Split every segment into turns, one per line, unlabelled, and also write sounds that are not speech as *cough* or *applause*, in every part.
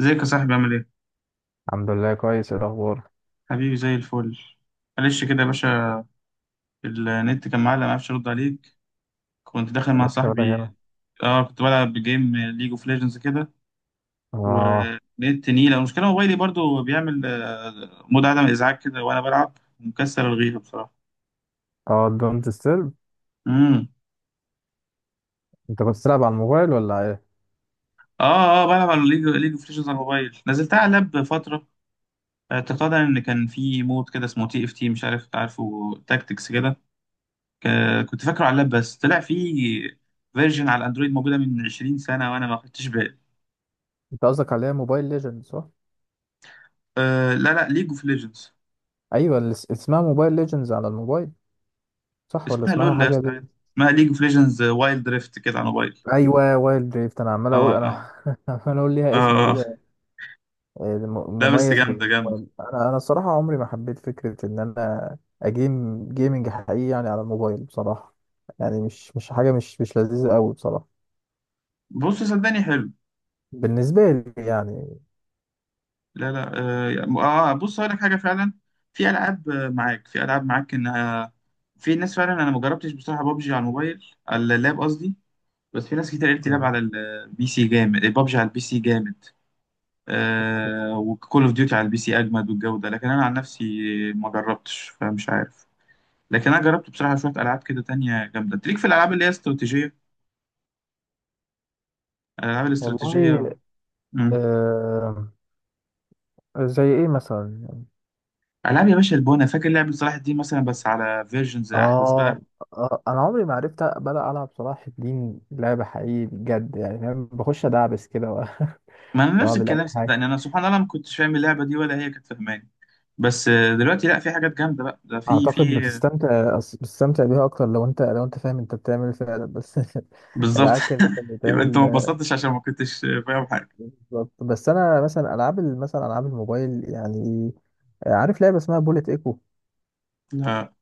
ازيك يا صاحبي عامل ايه؟
الحمد لله كويس. إيه الاخبار؟
حبيبي زي الفل. معلش كده يا باشا، النت كان معلق معرفش ارد عليك، كنت داخل
إيه
مع
شغلك هنا؟
صاحبي. اه كنت بلعب جيم ليج اوف ليجندز كده
اه
ونت نيلة. المشكلة موبايلي برضو بيعمل مود عدم ازعاج كده وانا بلعب، مكسر الغيبة بصراحة.
اه. دونت ديسترب.
امم.
انت كنت بتلعب على الموبايل ولا ايه؟
اه اه بلعب على ليج اوف ليجندز على الموبايل، نزلتها على اللاب فترة. اعتقادا ان كان في مود كده اسمه تي اف تي، مش عارف، عارفه؟ تاكتكس كده. كنت فاكره على اللاب، بس طلع في فيرجن على الاندرويد موجوده من 20 سنه وانا ما خدتش بالي.
انت قصدك عليها موبايل ليجند، صح؟
أه لا لا، ليج اوف ليجندز.
ايوه، اللي اسمها موبايل ليجندز على الموبايل. صح ولا
اسمها
اسمها
لول يا
حاجه
اسطى،
دي؟
عادي. اسمها ليج اوف ليجندز وايلد ريفت كده، على موبايل.
ايوه وايلد دريفت. انا عمال
اه
اقول، انا
اه
*laughs* عمال اقول
اه
ليها اسم
آه.
كده.
لا بس
مميز
جامده جامده.
بالموبايل. انا الصراحه عمري ما حبيت فكره ان انا جيمنج حقيقي يعني على الموبايل بصراحه. يعني مش حاجه مش لذيذه قوي بصراحه،
بص صدقني حلو.
بالنسبه لي يعني.
لا لا. اه بص هقول لك حاجه فعلا، في العاب معاك، في العاب معاك انها، في ناس فعلا انا ما جربتش بصراحه بابجي على الموبايل، على اللاب قصدي. بس في ناس كتير قالت لي، لعب
أوكي.
على البي سي جامد، بابجي على البي سي جامد وكول اوف ديوتي على البي سي اجمد والجوده، لكن انا عن نفسي ما جربتش فمش عارف. لكن انا جربت بصراحه شويه العاب كده تانية جامده، تليك في الالعاب اللي هي استراتيجيه، الالعاب
والله.
الاستراتيجيه. امم.
آه زي ايه مثلا يعني؟
العاب يا باشا البونه، فاكر لعبه صلاح الدين مثلا، بس على فيرجنز احدث بقى.
آه, اه انا عمري ما عرفت بلا العب صلاح الدين لعبه حقيقي بجد، يعني فاهم، بخش ادعبس كده
ما
*laughs*
انا نفس
واعمل اي
الكلام
حاجه.
صدقني، انا سبحان الله ما كنتش فاهم اللعبه دي ولا هي كانت فاهماني. بس دلوقتي لا، في حاجات جامده بقى، ده في
اعتقد
في آه،
بتستمتع بيها اكتر لو انت، لو انت فاهم انت بتعمل ايه فعلا، بس *laughs*
بالظبط.
العك اللي
*laughs*
كان
يبقى انت ما
بيتعمل.
انبسطتش عشان ما كنتش فاهم حاجه.
بالظبط. بس انا مثلا مثلا العاب الموبايل يعني. عارف لعبه اسمها بوليت ايكو؟
لا.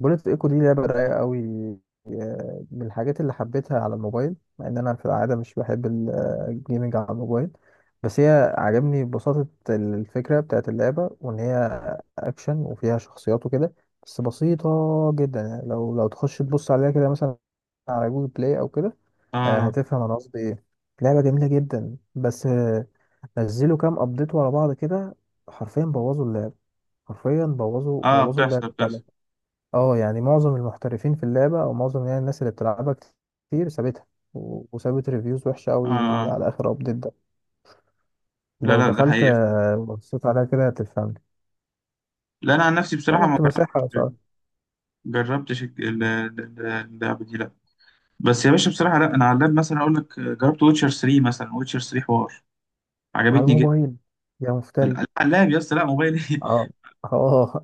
بوليت ايكو دي لعبه رايقه قوي. من الحاجات اللي حبيتها على الموبايل، مع ان انا في العاده مش بحب الجيمنج على الموبايل. بس هي عجبني ببساطه الفكره بتاعت اللعبه، وان هي اكشن وفيها شخصيات وكده. بس بسيطه جدا يعني، لو تخش تبص عليها كده مثلا على جوجل بلاي او كده،
اه
هتفهم انا قصدي ايه. لعبه جميله جدا بس، نزلوا كام ابديت ورا بعض كده، حرفيا بوظوا اللعبه. حرفيا بوظوا
اه،
بوظوا
بتحصل
اللعبه فعلا.
بتحصل.
اه يعني معظم المحترفين في اللعبة، او معظم يعني الناس اللي بتلعبها كتير سابتها، وسابت ريفيوز وحشة قوي
اه
على اخر ابديت ده.
لا
لو
لا، ده
دخلت
حقيقي فعلا.
وبصيت عليها كده هتفهمني.
لا انا عن نفسي بصراحه
انا
ما
كنت مساحة
جربتش اللعبه دي، لا. بس يا باشا بصراحه لا، انا على اللاب مثلا اقول لك، جربت ويتشر 3 مثلا، ويتشر 3 حوار،
على
عجبتني جدا.
الموبايل. يا مفتري.
على اللاب يا اسطى، لا موبايل ايه.
اه اه.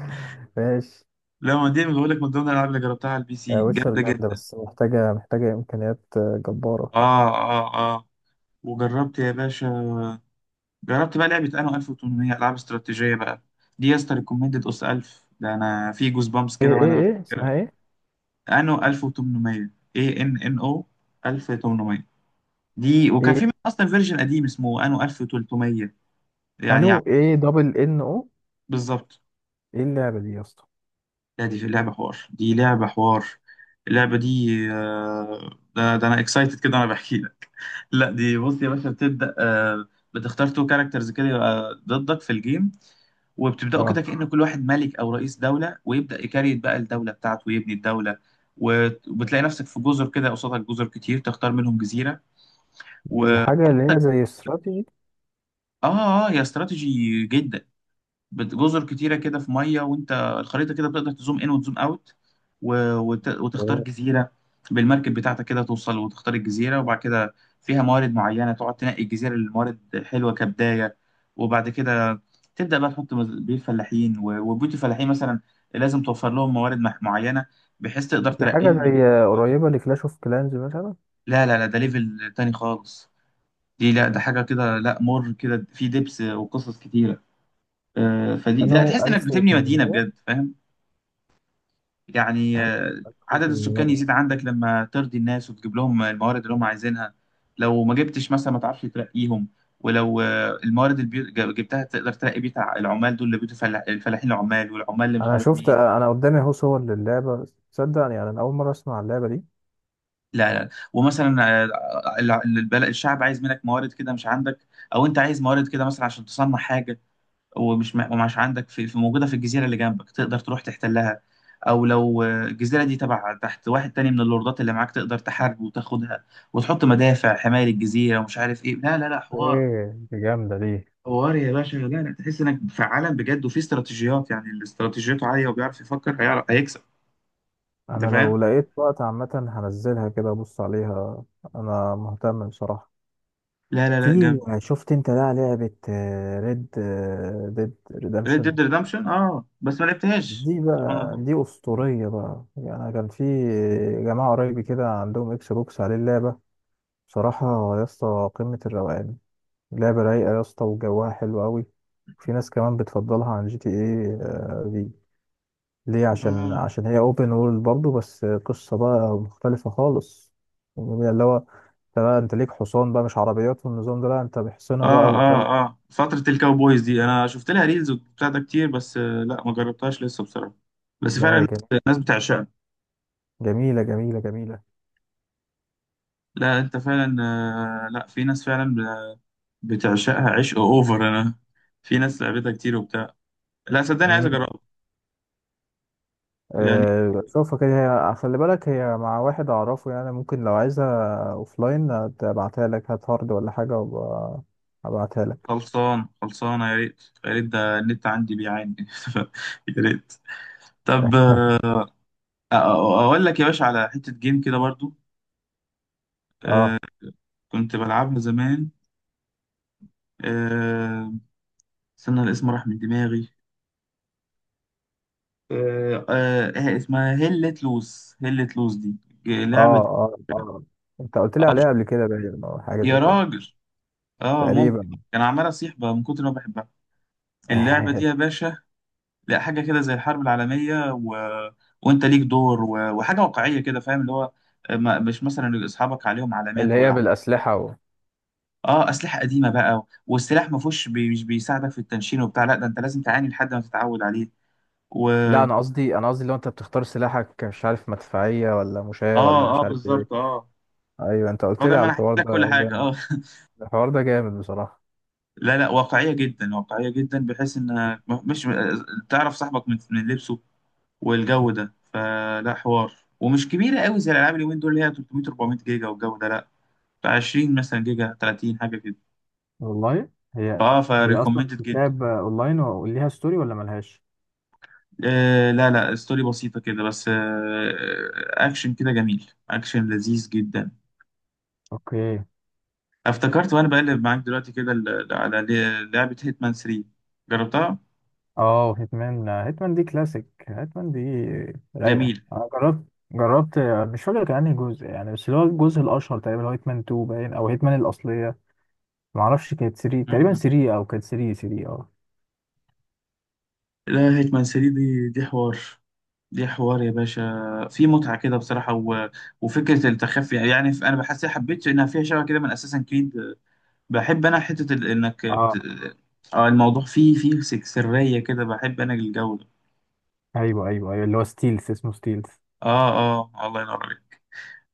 *laughs* ماشي.
*laughs* لا ما دي بقول لك من ضمن الالعاب اللي جربتها على البي سي،
ويتشر
جامده
جامدة،
جدا.
بس محتاجة، محتاجة امكانيات آه، جبارة.
اه اه اه، وجربت يا باشا، جربت بقى لعبه انا 1800، العاب استراتيجيه بقى. دي يا اسطى ريكومندد، اس 1000 ده انا في جوز بامس كده
ايه؟ ايه
وانا
ايه
بفتكرها.
اسمها ايه؟
انو 1800، اي ان ان او، 1800 دي. وكان في
ايه؟
منها اصلا فيرجن قديم اسمه انو 1300، يعني
انو ايه، دبل ان او؟
بالظبط.
ايه اللعبة دي يا اسطى؟
لا دي في اللعبه حوار، دي لعبه حوار، اللعبه دي ده انا اكسايتد كده وانا بحكي لك. لا دي بص يا باشا، بتبدا بتختار تو كاركترز كده يبقى ضدك في الجيم، وبتبداوا
اه.
كده كأن كل واحد ملك او رئيس دوله، ويبدا يكريت بقى الدوله بتاعته ويبني الدوله. وبتلاقي نفسك في جزر كده، قصادك جزر كتير تختار منهم جزيره
دي
و...
الحاجة اللي هي زي استراتيجي؟
اه اه، يا استراتيجي جدا. جزر كتيرة كده، في مية، وانت الخريطة كده بتقدر تزوم ان وتزوم اوت وتختار جزيرة، بالمركب بتاعتك كده توصل وتختار الجزيرة. وبعد كده فيها موارد معينة، تقعد تنقي الجزيرة اللي الموارد حلوة، كبداية. وبعد كده تبدأ بقى تحط بيوت فلاحين، وبيوت الفلاحين مثلا لازم توفر لهم موارد معينة، بحيث تقدر
دي حاجة زي
ترقيهم.
قريبة لكلاش اوف كلانز مثلا؟
لا لا لا، ده ليفل تاني خالص. دي لا، ده حاجة كده، لا مر كده، في دبس وقصص كتيرة فدي لا،
انا
تحس انك بتبني مدينة
1800.
بجد، فاهم؟ يعني
انا
عدد السكان
1800؟
يزيد عندك لما ترضي الناس وتجيب لهم الموارد اللي هم عايزينها. لو ما جبتش مثلا ما تعرفش ترقيهم. ولو الموارد اللي جبتها تقدر ترقي بيه العمال دول، اللي بيوتوا الفلاحين، العمال، والعمال اللي مش
انا
عارف
شفت،
مين.
انا قدامي اهو صور للعبة. تصدق يعني انا اول مرة اسمع اللعبة دي؟
لا لا، ومثلا البلد، الشعب عايز منك موارد كده مش عندك، او انت عايز موارد كده مثلا عشان تصنع حاجه ومش عندك موجودة في الجزيرة اللي جنبك، تقدر تروح تحتلها. أو لو الجزيرة دي تبع تحت واحد تاني من اللوردات اللي معاك، تقدر تحارب وتاخدها وتحط مدافع حماية للجزيرة، ومش عارف إيه، لا لا لا حوار،
ايه دي، جامدة دي.
حوار يا باشا، لا لا، تحس إنك في عالم بجد، وفي استراتيجيات، يعني اللي استراتيجيته عالية وبيعرف يفكر هيعرف هيكسب. أنت
انا
فاهم؟
لو لقيت وقت عامة هنزلها كده ابص عليها. انا مهتم بصراحة.
لا لا لا
في،
جامد.
شفت انت بقى لعبة ريد ديد
ريد
ريدمشن؟
ديد ريدمشن، اه بس ما لعبتهاش.
دي
سبحان
بقى،
الله.
دي اسطورية بقى. يعني أنا كان في جماعة قريبي كده عندهم اكس بوكس عليه اللعبة. بصراحة يا اسطى قمة الروقان. لعبة رايقة يا اسطى، وجوها حلو قوي. في ناس كمان بتفضلها عن جي تي ايه دي. ليه؟ عشان
اه
عشان هي اوبن وورلد برضه، بس قصة بقى مختلفة خالص. يعني اللي هو انت بقى، انت ليك حصان بقى، مش عربيات والنظام ده، لا انت بحصنة
اه
بقى وكم.
اه اه، فترة الكاوبويز دي انا شفت لها ريلز وبتاع ده كتير، بس لا ما جربتهاش لسه بصراحة، بس فعلا
لا هي
الناس، الناس بتعشقها.
جميلة جميلة جميلة.
لا انت فعلا لا في ناس فعلا بتعشقها عشق اوفر، انا في ناس لعبتها كتير وبتاع. لا صدقني عايز
امم
اجربها يعني.
أه شوفها كده. هي خلي بالك، هي مع واحد اعرفه يعني، ممكن لو عايزها اوفلاين ابعتها لك. هات هارد ولا حاجة وابقى ابعتها لك.
خلصان، خلصانة، يا ريت يا ريت، ده النت عندي بيعاني. *laughs* يا ريت. طب اقول لك يا باشا على حتة جيم كده برضو،
اه
كنت بلعبها زمان، آه، استنى الاسم راح من دماغي، إيه اسمها؟ هلت لوز، هلت لوز دي
اه
لعبة
اه اه انت قلت لي
آه،
عليها قبل كده، باين او حاجه
يا
زي كده.
راجل، اه ممكن.
تقريبا.
كان عمال اصيح بقى من كتر ما بحبها اللعبة دي يا
*laughs*
باشا. لا حاجة كده زي الحرب العالمية و... وانت ليك دور و... وحاجة واقعية كده فاهم، اللي هو ما... مش مثلا اصحابك عليهم
اللي
علامات و...
هي بالاسلحه و...
اه اسلحة قديمة بقى، والسلاح ما فيهوش مش بيساعدك في التنشين وبتاع، لا ده انت لازم تعاني لحد ما تتعود عليه و...
لا انا قصدي، انا قصدي لو انت بتختار سلاحك، مش عارف مدفعيه ولا مشاة ولا
اه اه
مش عارف ايه.
بالظبط اه.
ايوه انت
هو
قلت
ده،
لي
ما
على
انا حكيت
الحوار
لك كل
ده،
حاجة،
جامد.
اه.
الحوار ده جامد بصراحه.
لا لا واقعية جدا، واقعية جدا، بحيث انها مش تعرف صاحبك من لبسه والجو ده، فلا حوار، ومش كبيرة قوي زي الالعاب اليومين دول اللي هي 300 400 جيجا، والجو ده لا، بتاع 20 مثلا جيجا، 30 حاجة كده،
والله. هي،
فاه
هي اصلا
فريكومندد جدا.
بتتلعب اونلاين وليها ستوري ولا ملهاش؟
آه لا لا، ستوري بسيطة كده بس، آه اكشن كده جميل، اكشن لذيذ جدا.
اوكي.
افتكرت وانا بقلب معاك دلوقتي كده على لعبة هيتمان 3، جربتها.
اه، هيتمان دي كلاسيك. هيتمان دي رايقة.
جميل.
انا جربت، جربت. مش فاكر كان انهي جزء يعني، بس اللي هو الجزء الاشهر تقريبا اللي هو هيتمان 2، باين او هيتمان الاصلية. معرفش، كانت 3 تقريبا،
مم.
3 او كانت 3، 3. اه
لا هيتمان 3 دي، دي حوار، دي حوار يا باشا، في متعة كده بصراحة و... وفكرة التخفي يعني، أنا بحس، حبيت إنها فيها شبه كده من أساسا كريد، بحب أنا حتة ال... إنك بت...
اه.
آه الموضوع فيه فيه سرية كده، بحب أنا الجو ده.
ايوه ايوه ايوه اللي هو ستيلز، اسمه ستيلز.
آه. آه الله ينور عليك.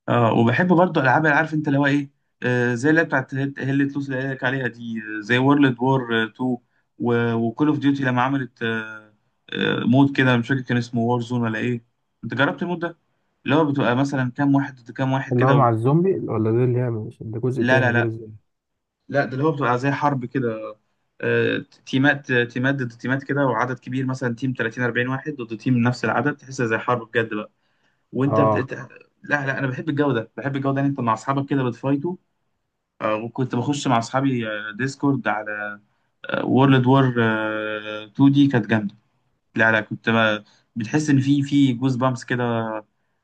اه وبحب برضه العاب، اللي عارف انت اللي هو ايه، آه زي اللي بتاعت هيل تلوس اللي قالك عليها دي، زي وورلد وور 2 وكول اوف ديوتي، لما عملت مود كده، مش فاكر كان اسمه وور زون ولا ايه، انت جربت المود ده؟ اللي هو بتبقى مثلا كام واحد ضد كام واحد
اللي هو
كده
مع
و...
الزومبي؟ ولا ده اللي هي، مش ده جزء
لا لا
تاني غير
لا.
الزومبي؟
لا ده اللي هو بتبقى زي حرب كده، آه تيمات ضد تيمات كده، وعدد كبير مثلا، تيم 30 40 واحد ضد تيم نفس العدد، تحسها زي حرب بجد بقى، وانت
اه.
بت... لا لا انا بحب الجو ده، بحب الجو ده، ان انت مع اصحابك كده بتفايتوا وكنت بخش مع اصحابي ديسكورد على وورلد وور 2 دي، كانت جامده. لا لا كنت بتحس ان في جوز بامس كده،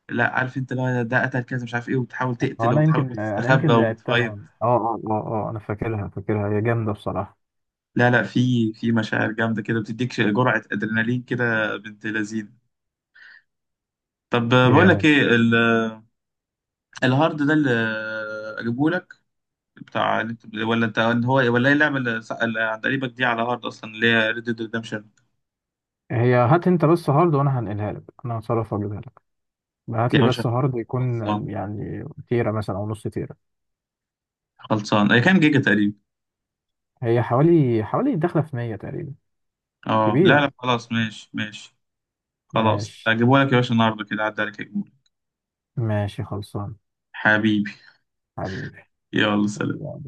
لا عارف انت، لا ده قتل كذا مش عارف ايه، وتحاول
هو
تقتل
انا
وتحاول
يمكن، انا
وتستخبى
يمكن لعبتها.
وتفايض.
اه اه اه اه انا فاكرها، فاكرها. هي جامدة بصراحة.
لا لا في مشاعر جامده كده، بتديك جرعه ادرينالين كده بنت لذين. طب بقول لك
جامد.
ايه الهارد ده اللي اجيبه لك، بتاع، ولا انت، هو، ولا ايه اللعبه اللي عند قريبك دي على هارد اصلا، اللي هي ريد ديد ريدمشن.
هي هات انت بس هارد وانا هنقلها لك. انا هتصرف اجيبها. بعت
يا
لي
باشا
بس هارد يكون
خلصان،
يعني تيرا مثلا او نص تيرا.
خلصان، اي كام جيجا تقريبا؟
هي حوالي، حوالي داخله في 100 تقريبا.
اه لا
كبيره.
لا خلاص، ماشي ماشي. خلاص
ماشي.
هجيبه لك يا باشا النهارده كده، عدى عليك هجيبه.
ماشي خلصان.
حبيبي
حبيبي.
يلا سلام.
يلا،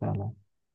سلام.